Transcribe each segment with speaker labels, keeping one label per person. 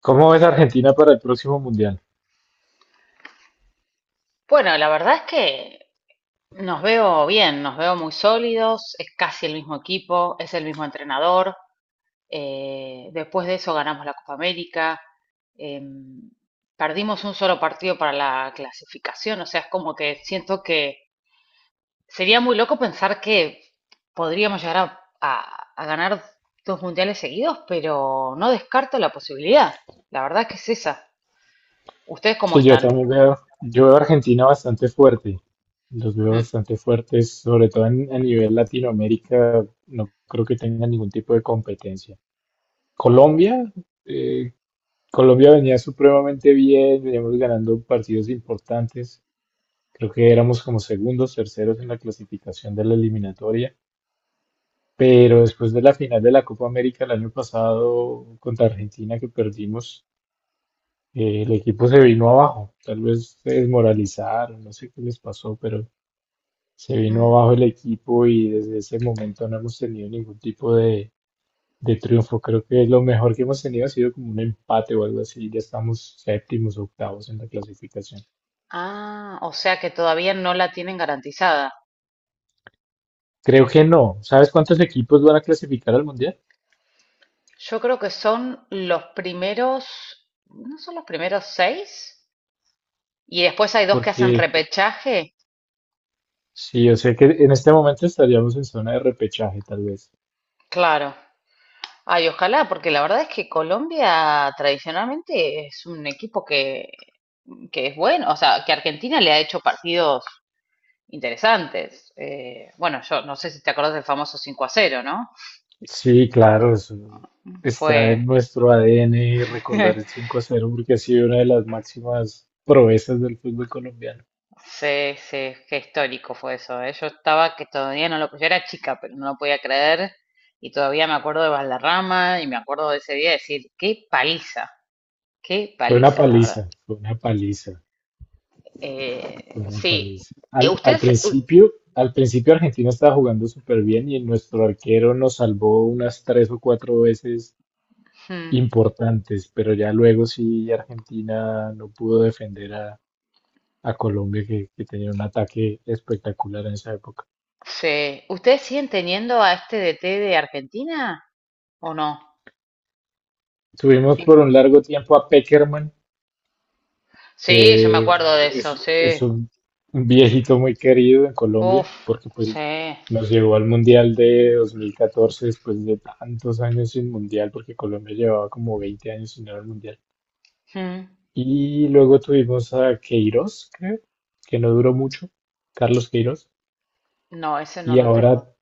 Speaker 1: ¿Cómo ves a Argentina para el próximo mundial?
Speaker 2: Bueno, la verdad es que nos veo bien, nos veo muy sólidos, es casi el mismo equipo, es el mismo entrenador. Después de eso ganamos la Copa América. em, Perdimos un solo partido para la clasificación, o sea, es como que siento que sería muy loco pensar que podríamos llegar a ganar dos mundiales seguidos, pero no descarto la posibilidad. La verdad es que es esa. ¿Ustedes cómo
Speaker 1: Sí, yo
Speaker 2: están?
Speaker 1: también veo, yo veo a Argentina bastante fuerte, los veo bastante fuertes, sobre todo a nivel Latinoamérica, no creo que tengan ningún tipo de competencia. Colombia, eh, Colombia venía supremamente bien, veníamos ganando partidos importantes, creo que éramos como segundos, terceros en la clasificación de la eliminatoria, pero después de la final de la Copa América el año pasado contra Argentina que perdimos, el equipo se vino abajo. Tal vez se desmoralizaron, no sé qué les pasó, pero se vino
Speaker 2: Mm.
Speaker 1: abajo el equipo y desde ese momento no hemos tenido ningún tipo de triunfo. Creo que lo mejor que hemos tenido ha sido como un empate o algo así. Ya estamos séptimos, octavos en la clasificación.
Speaker 2: Ah, o sea que todavía no la tienen garantizada.
Speaker 1: Creo que no. ¿Sabes cuántos equipos van a clasificar al mundial?
Speaker 2: Yo creo que son los primeros, ¿no son los primeros seis? Y después hay dos que hacen
Speaker 1: Porque
Speaker 2: repechaje.
Speaker 1: sí, yo sé que en este momento estaríamos en zona de repechaje, tal vez.
Speaker 2: Claro. Ay, ojalá, porque la verdad es que Colombia tradicionalmente es un equipo que es bueno, o sea, que Argentina le ha hecho partidos interesantes. Bueno, yo no sé si te acordás del famoso 5 a cero, ¿no?
Speaker 1: Sí, claro, está
Speaker 2: Fue
Speaker 1: en nuestro ADN recordar el 5-0 porque ha sido una de las máximas proezas del fútbol colombiano.
Speaker 2: sí, sí, qué histórico fue eso, ¿eh? Yo estaba que todavía no lo, yo era chica, pero no lo podía creer, y todavía me acuerdo de Valderrama y me acuerdo de ese día de decir, qué
Speaker 1: Fue una
Speaker 2: paliza, la verdad.
Speaker 1: paliza, fue una paliza,
Speaker 2: Eh,
Speaker 1: fue una
Speaker 2: sí,
Speaker 1: paliza.
Speaker 2: Eh,
Speaker 1: Al, al
Speaker 2: ustedes, u-
Speaker 1: principio, al principio Argentina estaba jugando súper bien y nuestro arquero nos salvó unas 3 o 4 veces
Speaker 2: hmm,
Speaker 1: importantes, pero ya luego sí Argentina no pudo defender a Colombia que tenía un ataque espectacular en esa época.
Speaker 2: sí, ¿ustedes siguen teniendo a este DT de Argentina o no?
Speaker 1: Tuvimos por un largo tiempo a Peckerman,
Speaker 2: Sí, yo me
Speaker 1: que
Speaker 2: acuerdo de eso,
Speaker 1: es,
Speaker 2: sí.
Speaker 1: es un viejito muy querido en Colombia,
Speaker 2: Uf,
Speaker 1: porque pues
Speaker 2: sí.
Speaker 1: nos llevó al Mundial de 2014 después de tantos años sin Mundial, porque Colombia llevaba como 20 años sin ir al Mundial.
Speaker 2: Hmm.
Speaker 1: Y luego tuvimos a Queiroz, creo, que no duró mucho, Carlos Queiroz.
Speaker 2: No, ese no
Speaker 1: Y
Speaker 2: lo tengo.
Speaker 1: ahora,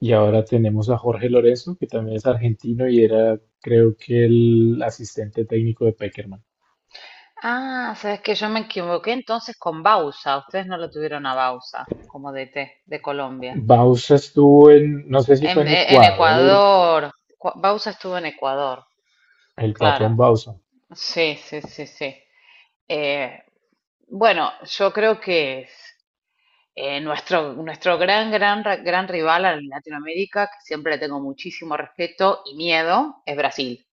Speaker 1: y ahora tenemos a Jorge Lorenzo, que también es argentino y era, creo que, el asistente técnico de Peckerman.
Speaker 2: Ah, sabes que yo me equivoqué entonces con Bausa. Ustedes no lo tuvieron a Bausa como DT de Colombia.
Speaker 1: Bausa estuvo en, no sé si fue en
Speaker 2: En
Speaker 1: Ecuador.
Speaker 2: Ecuador, Bausa estuvo en Ecuador,
Speaker 1: El
Speaker 2: claro.
Speaker 1: Patón Bausa.
Speaker 2: Sí, sí, sí, sí. Eh, bueno, yo creo que nuestro gran rival en Latinoamérica, que siempre le tengo muchísimo respeto y miedo, es Brasil.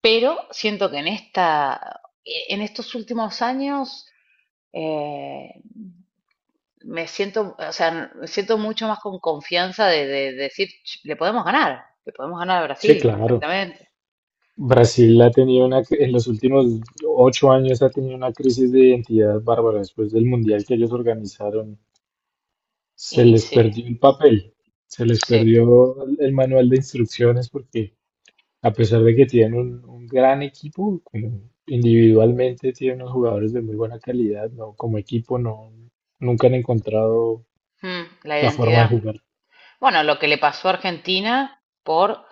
Speaker 2: Pero siento que en en estos últimos años eh, me siento, o sea, me siento mucho más con confianza de decir, "Ch, le podemos ganar a
Speaker 1: Sí,
Speaker 2: Brasil
Speaker 1: claro.
Speaker 2: perfectamente."
Speaker 1: Brasil ha tenido una, en los últimos 8 años ha tenido una crisis de identidad bárbara. Después del mundial que ellos organizaron, se
Speaker 2: Y
Speaker 1: les
Speaker 2: sí,
Speaker 1: perdió el papel, se les
Speaker 2: sí,
Speaker 1: perdió el manual de instrucciones porque a pesar de que tienen un gran equipo, como individualmente tienen unos jugadores de muy buena calidad, no, como equipo no, nunca han encontrado
Speaker 2: mm, la
Speaker 1: la forma de
Speaker 2: identidad.
Speaker 1: jugar.
Speaker 2: Bueno, lo que le pasó a Argentina por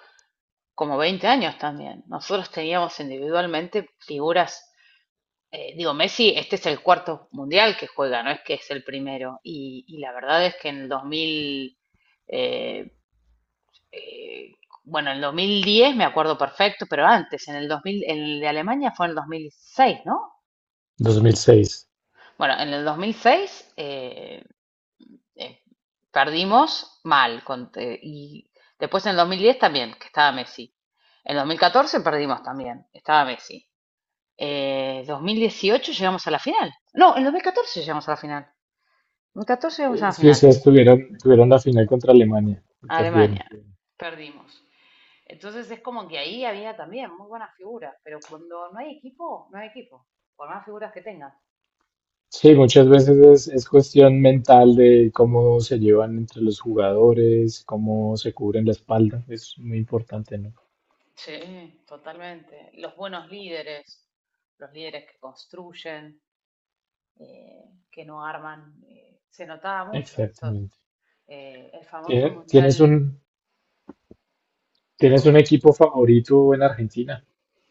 Speaker 2: como 20 años también. Nosotros teníamos individualmente figuras. Digo, Messi, este es el cuarto mundial que juega, no es que es el primero. Y la verdad es que en el 2000... eh, eh, bueno, en el 2010 me acuerdo perfecto, pero antes, en el 2000, en el de Alemania fue en el 2006, ¿no?
Speaker 1: 2006.
Speaker 2: Bueno, en el 2006 eh, eh, perdimos mal, y después en el 2010 también, que estaba Messi. En el 2014 perdimos también, estaba Messi. 2018 llegamos a la final. No, en 2014 llegamos a la final. En 2014 llegamos a la
Speaker 1: Sí, o
Speaker 2: final.
Speaker 1: sea, tuvieron la final contra Alemania, y
Speaker 2: A
Speaker 1: perdieron.
Speaker 2: Alemania. Perdimos. Entonces es como que ahí había también muy buenas figuras, pero cuando no hay equipo, no hay equipo, por más figuras que tengas.
Speaker 1: Sí, muchas veces es cuestión mental de cómo se llevan entre los jugadores, cómo se cubren la espalda. Es muy importante, ¿no?
Speaker 2: Sí, totalmente. Los buenos líderes, los líderes que construyen, eh, que no arman, se notaba mucho esos.
Speaker 1: Exactamente.
Speaker 2: El famoso
Speaker 1: ¿Tienes
Speaker 2: mundial,
Speaker 1: un
Speaker 2: ¿cómo?
Speaker 1: equipo favorito en Argentina?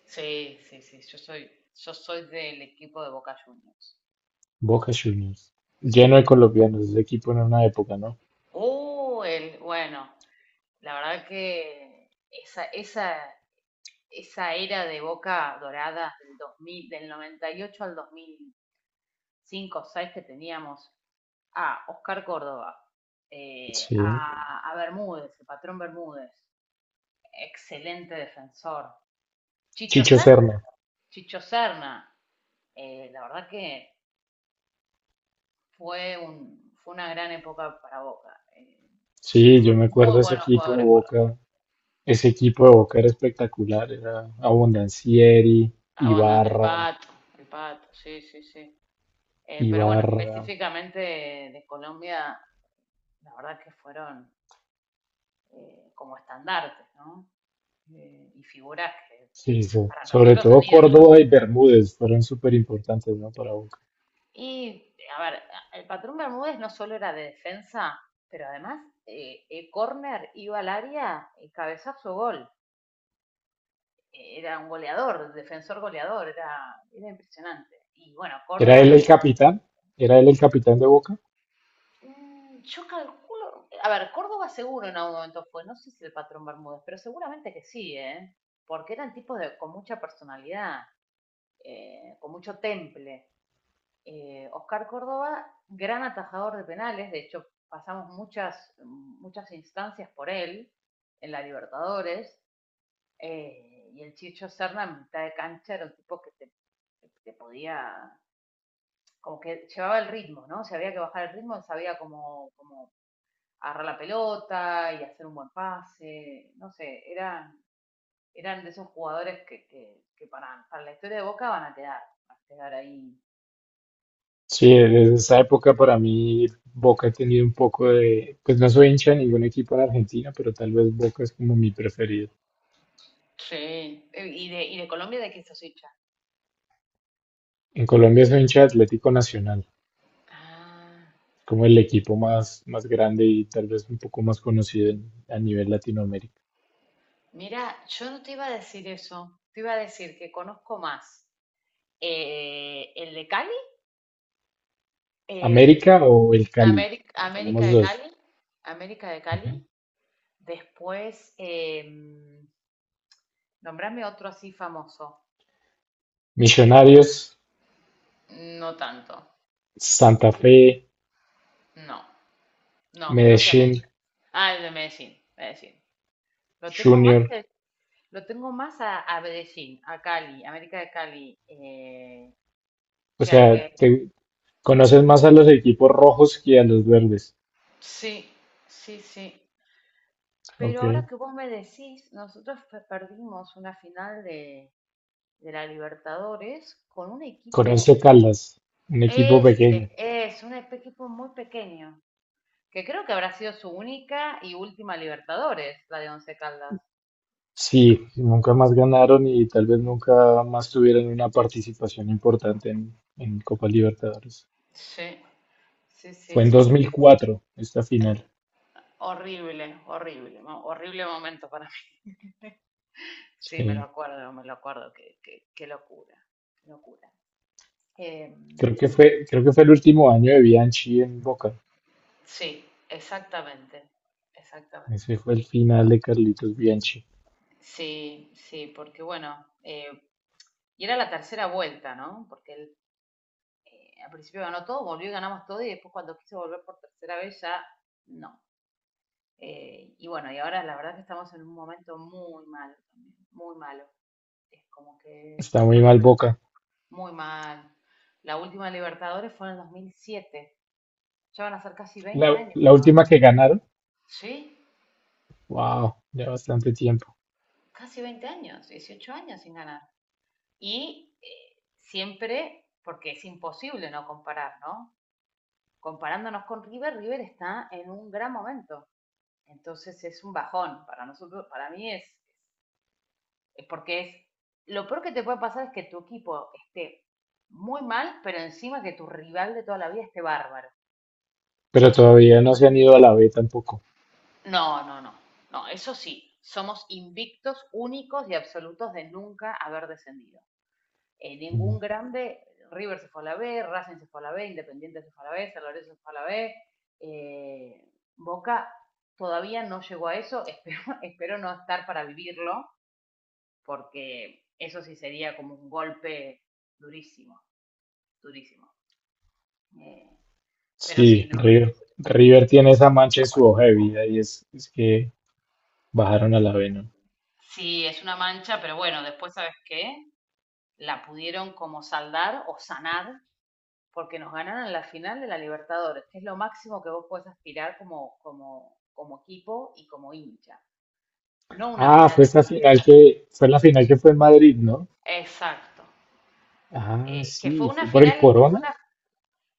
Speaker 2: Sí, sí, sí. Yo soy del equipo de Boca Juniors.
Speaker 1: Boca Juniors.
Speaker 2: Sí.
Speaker 1: Lleno de colombianos, ese equipo en una época, ¿no?
Speaker 2: Bueno, la verdad que esa era de Boca Dorada del 2000, del 98 al 2005 o 6 que teníamos a Oscar Córdoba,
Speaker 1: Sí.
Speaker 2: Bermúdez, el patrón Bermúdez, excelente defensor. Chicho
Speaker 1: Chicho
Speaker 2: Serna,
Speaker 1: Serna.
Speaker 2: Chicho Serna, la verdad que fue una gran época para Boca.
Speaker 1: Sí, yo
Speaker 2: Tuvimos
Speaker 1: me acuerdo
Speaker 2: muy
Speaker 1: de ese
Speaker 2: buenos
Speaker 1: equipo de
Speaker 2: jugadores por acá.
Speaker 1: Boca. Ese equipo de Boca era espectacular. Era Abondancieri,
Speaker 2: Ah, bueno,
Speaker 1: Ibarra,
Speaker 2: El Pato, sí, sí, sí. Pero bueno,
Speaker 1: Ibarra,
Speaker 2: específicamente de Colombia, la verdad que fueron como estandartes, ¿no? Y figuras que
Speaker 1: Sí,
Speaker 2: para
Speaker 1: sobre
Speaker 2: nosotros son
Speaker 1: todo
Speaker 2: ídolos.
Speaker 1: Córdoba y Bermúdez fueron súper importantes, ¿no? Para Boca.
Speaker 2: Y, a ver, el patrón Bermúdez no solo era de defensa, pero además, corner iba al área, y cabezazo, gol. Era un goleador, defensor goleador, era impresionante. Y bueno,
Speaker 1: ¿Era
Speaker 2: Córdoba
Speaker 1: él
Speaker 2: no.
Speaker 1: el capitán? ¿Era él el capitán de Boca?
Speaker 2: Mm, yo calculo, a ver, Córdoba seguro en algún momento fue, no sé si el patrón Bermúdez, pero seguramente que sí, ¿eh? Porque eran tipos de, con mucha personalidad. Con mucho temple. Oscar Córdoba, gran atajador de penales, de hecho pasamos muchas, muchas instancias por él en la Libertadores, y el Chicho Serna en mitad de cancha era un tipo que podía, como que llevaba el ritmo, ¿no? Si había que bajar el ritmo, él sabía cómo agarrar la pelota y hacer un buen pase, no sé, eran de esos jugadores que para la historia de Boca van a quedar ahí.
Speaker 1: Sí, desde esa época para mí Boca ha tenido un poco de, pues no soy hincha de ningún equipo en Argentina, pero tal vez Boca es como mi preferido.
Speaker 2: Sí. ¿Y de Colombia de qué sos hincha?
Speaker 1: En Colombia soy hincha de Atlético Nacional,
Speaker 2: Ah,
Speaker 1: como el equipo más, más grande y tal vez un poco más conocido a nivel Latinoamérica.
Speaker 2: mira, yo no te iba a decir eso. Te iba a decir que conozco más el de Cali, em,
Speaker 1: ¿América o el Cali? Ya
Speaker 2: América
Speaker 1: tenemos
Speaker 2: de
Speaker 1: dos.
Speaker 2: Cali, América de
Speaker 1: Ujú.
Speaker 2: Cali. Después, nombrame otro así famoso.
Speaker 1: Millonarios,
Speaker 2: No tanto.
Speaker 1: Santa Fe,
Speaker 2: No, no, creo que
Speaker 1: Medellín,
Speaker 2: América. Ah, el de Medellín, Medellín. Lo tengo más
Speaker 1: Junior.
Speaker 2: que, lo tengo más a Medellín, a Cali, América de Cali,
Speaker 1: O
Speaker 2: que al
Speaker 1: sea,
Speaker 2: que
Speaker 1: te conoces más a los equipos rojos que a los verdes.
Speaker 2: sí, sí, sí. Pero
Speaker 1: Ok.
Speaker 2: ahora que vos me decís, nosotros perdimos una final de la Libertadores con un equipo,
Speaker 1: Corinthians Caldas, un equipo
Speaker 2: ese
Speaker 1: pequeño.
Speaker 2: es, un equipo muy pequeño, que creo que habrá sido su única y última Libertadores, la de Once Caldas.
Speaker 1: Sí, nunca más ganaron y tal vez nunca más tuvieron una participación importante en Copa Libertadores.
Speaker 2: Sí, sí, sí,
Speaker 1: Fue en dos
Speaker 2: sí.
Speaker 1: mil cuatro esta final.
Speaker 2: El- Horrible, horrible, horrible momento para mí. Sí,
Speaker 1: Sí.
Speaker 2: me lo acuerdo, qué, qué, qué locura, qué locura.
Speaker 1: Creo que fue el último año de Bianchi en Boca.
Speaker 2: Sí, exactamente, exactamente.
Speaker 1: Ese fue el final de Carlitos Bianchi.
Speaker 2: Sí, sí, porque bueno, y era la tercera vuelta, ¿no? Porque él al principio ganó todo, volvió y ganamos todo, y después cuando quiso volver por tercera vez ya no. Y bueno, y ahora la verdad que estamos en un momento muy malo también, muy malo. Es como que
Speaker 1: Está
Speaker 2: no
Speaker 1: muy
Speaker 2: lo
Speaker 1: mal
Speaker 2: veo
Speaker 1: Boca.
Speaker 2: muy mal. La última Libertadores fue en el 2007. Ya van a ser casi 20
Speaker 1: La,
Speaker 2: años,
Speaker 1: la
Speaker 2: pero
Speaker 1: última que ganaron,
Speaker 2: sí,
Speaker 1: wow, ya bastante tiempo.
Speaker 2: casi 20 años, 18 años sin ganar. Y siempre, porque es imposible no comparar, ¿no? Comparándonos con River, River está en un gran momento. Entonces es un bajón para nosotros, para mí es, lo peor que te puede pasar es que tu equipo esté muy mal, pero encima que tu rival de toda la vida esté bárbaro.
Speaker 1: Pero todavía no se han ido a la B tampoco.
Speaker 2: No, no, no, no, eso sí, somos invictos, únicos y absolutos de nunca haber descendido. Ningún
Speaker 1: Mm,
Speaker 2: grande, River se fue a la B, Racing se fue a la B, Independiente se fue a la B, San Lorenzo se fue a la B, eh, Boca todavía no llegó a eso, espero, espero no estar para vivirlo, porque eso sí sería como un golpe durísimo, durísimo. Eh, pero sí,
Speaker 1: Sí,
Speaker 2: no, no.
Speaker 1: River, River tiene esa mancha en su hoja de vida y es que bajaron a la B, ¿no?
Speaker 2: Sí, es una mancha, pero bueno, después, ¿sabes qué? La pudieron como saldar o sanar porque nos ganaron en la final de la Libertadores, que es lo máximo que vos puedes aspirar como, como, como equipo y como hincha, no una
Speaker 1: Ah,
Speaker 2: final
Speaker 1: fue
Speaker 2: de
Speaker 1: esta final
Speaker 2: campeonato.
Speaker 1: que fue la final que fue en Madrid, ¿no?
Speaker 2: Exacto.
Speaker 1: Ah,
Speaker 2: Que fue
Speaker 1: sí,
Speaker 2: una
Speaker 1: fue por el
Speaker 2: final,
Speaker 1: Corona.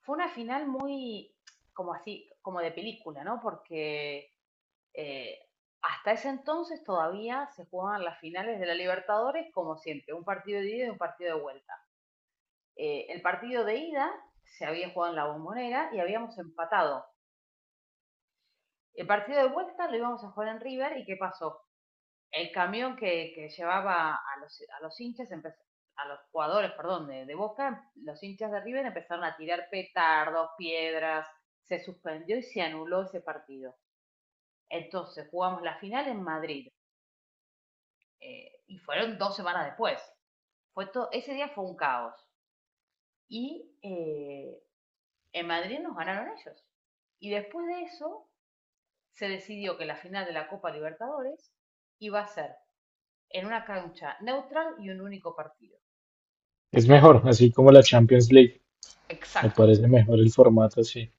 Speaker 2: fue una final muy como así, como de película, ¿no? Porque eh, hasta ese entonces todavía se jugaban las finales de la Libertadores como siempre, un partido de ida y un partido de vuelta. El partido de ida se había jugado en la bombonera y habíamos empatado. El partido de vuelta lo íbamos a jugar en River y ¿qué pasó? El camión que llevaba a los hinchas, a los jugadores, perdón, de Boca, los hinchas de River empezaron a tirar petardos, piedras, se suspendió y se anuló ese partido. Entonces jugamos la final en Madrid, y fueron dos semanas después. Ese día fue un caos. Y en Madrid nos ganaron ellos. Y después de eso se decidió que la final de la Copa Libertadores iba a ser en una cancha neutral y un único partido.
Speaker 1: Es mejor, así como la Champions League. Me
Speaker 2: Exacto,
Speaker 1: parece mejor el formato así.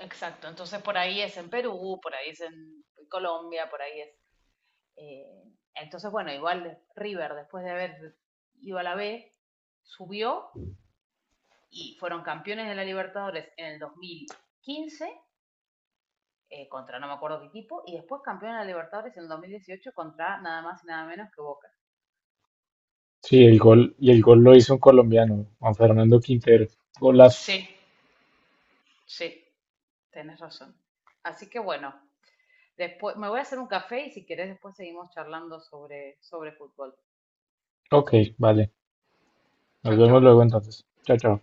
Speaker 2: exacto. Entonces por ahí es en Perú, por ahí es en Colombia, por ahí es... eh, entonces, bueno, igual River, después de haber ido a la B, subió y fueron campeones de la Libertadores en el 2015 contra no me acuerdo qué equipo, y después campeones de la Libertadores en el 2018 contra nada más y nada menos que Boca.
Speaker 1: Sí, el gol y el gol lo hizo un colombiano, Juan Fernando Quintero. Golazo.
Speaker 2: Sí, sí, tenés razón. Así que bueno, después, me voy a hacer un café y si querés después seguimos charlando sobre, sobre fútbol.
Speaker 1: Ok, vale.
Speaker 2: Chau,
Speaker 1: Nos
Speaker 2: chau.
Speaker 1: vemos luego entonces. Chao, chao.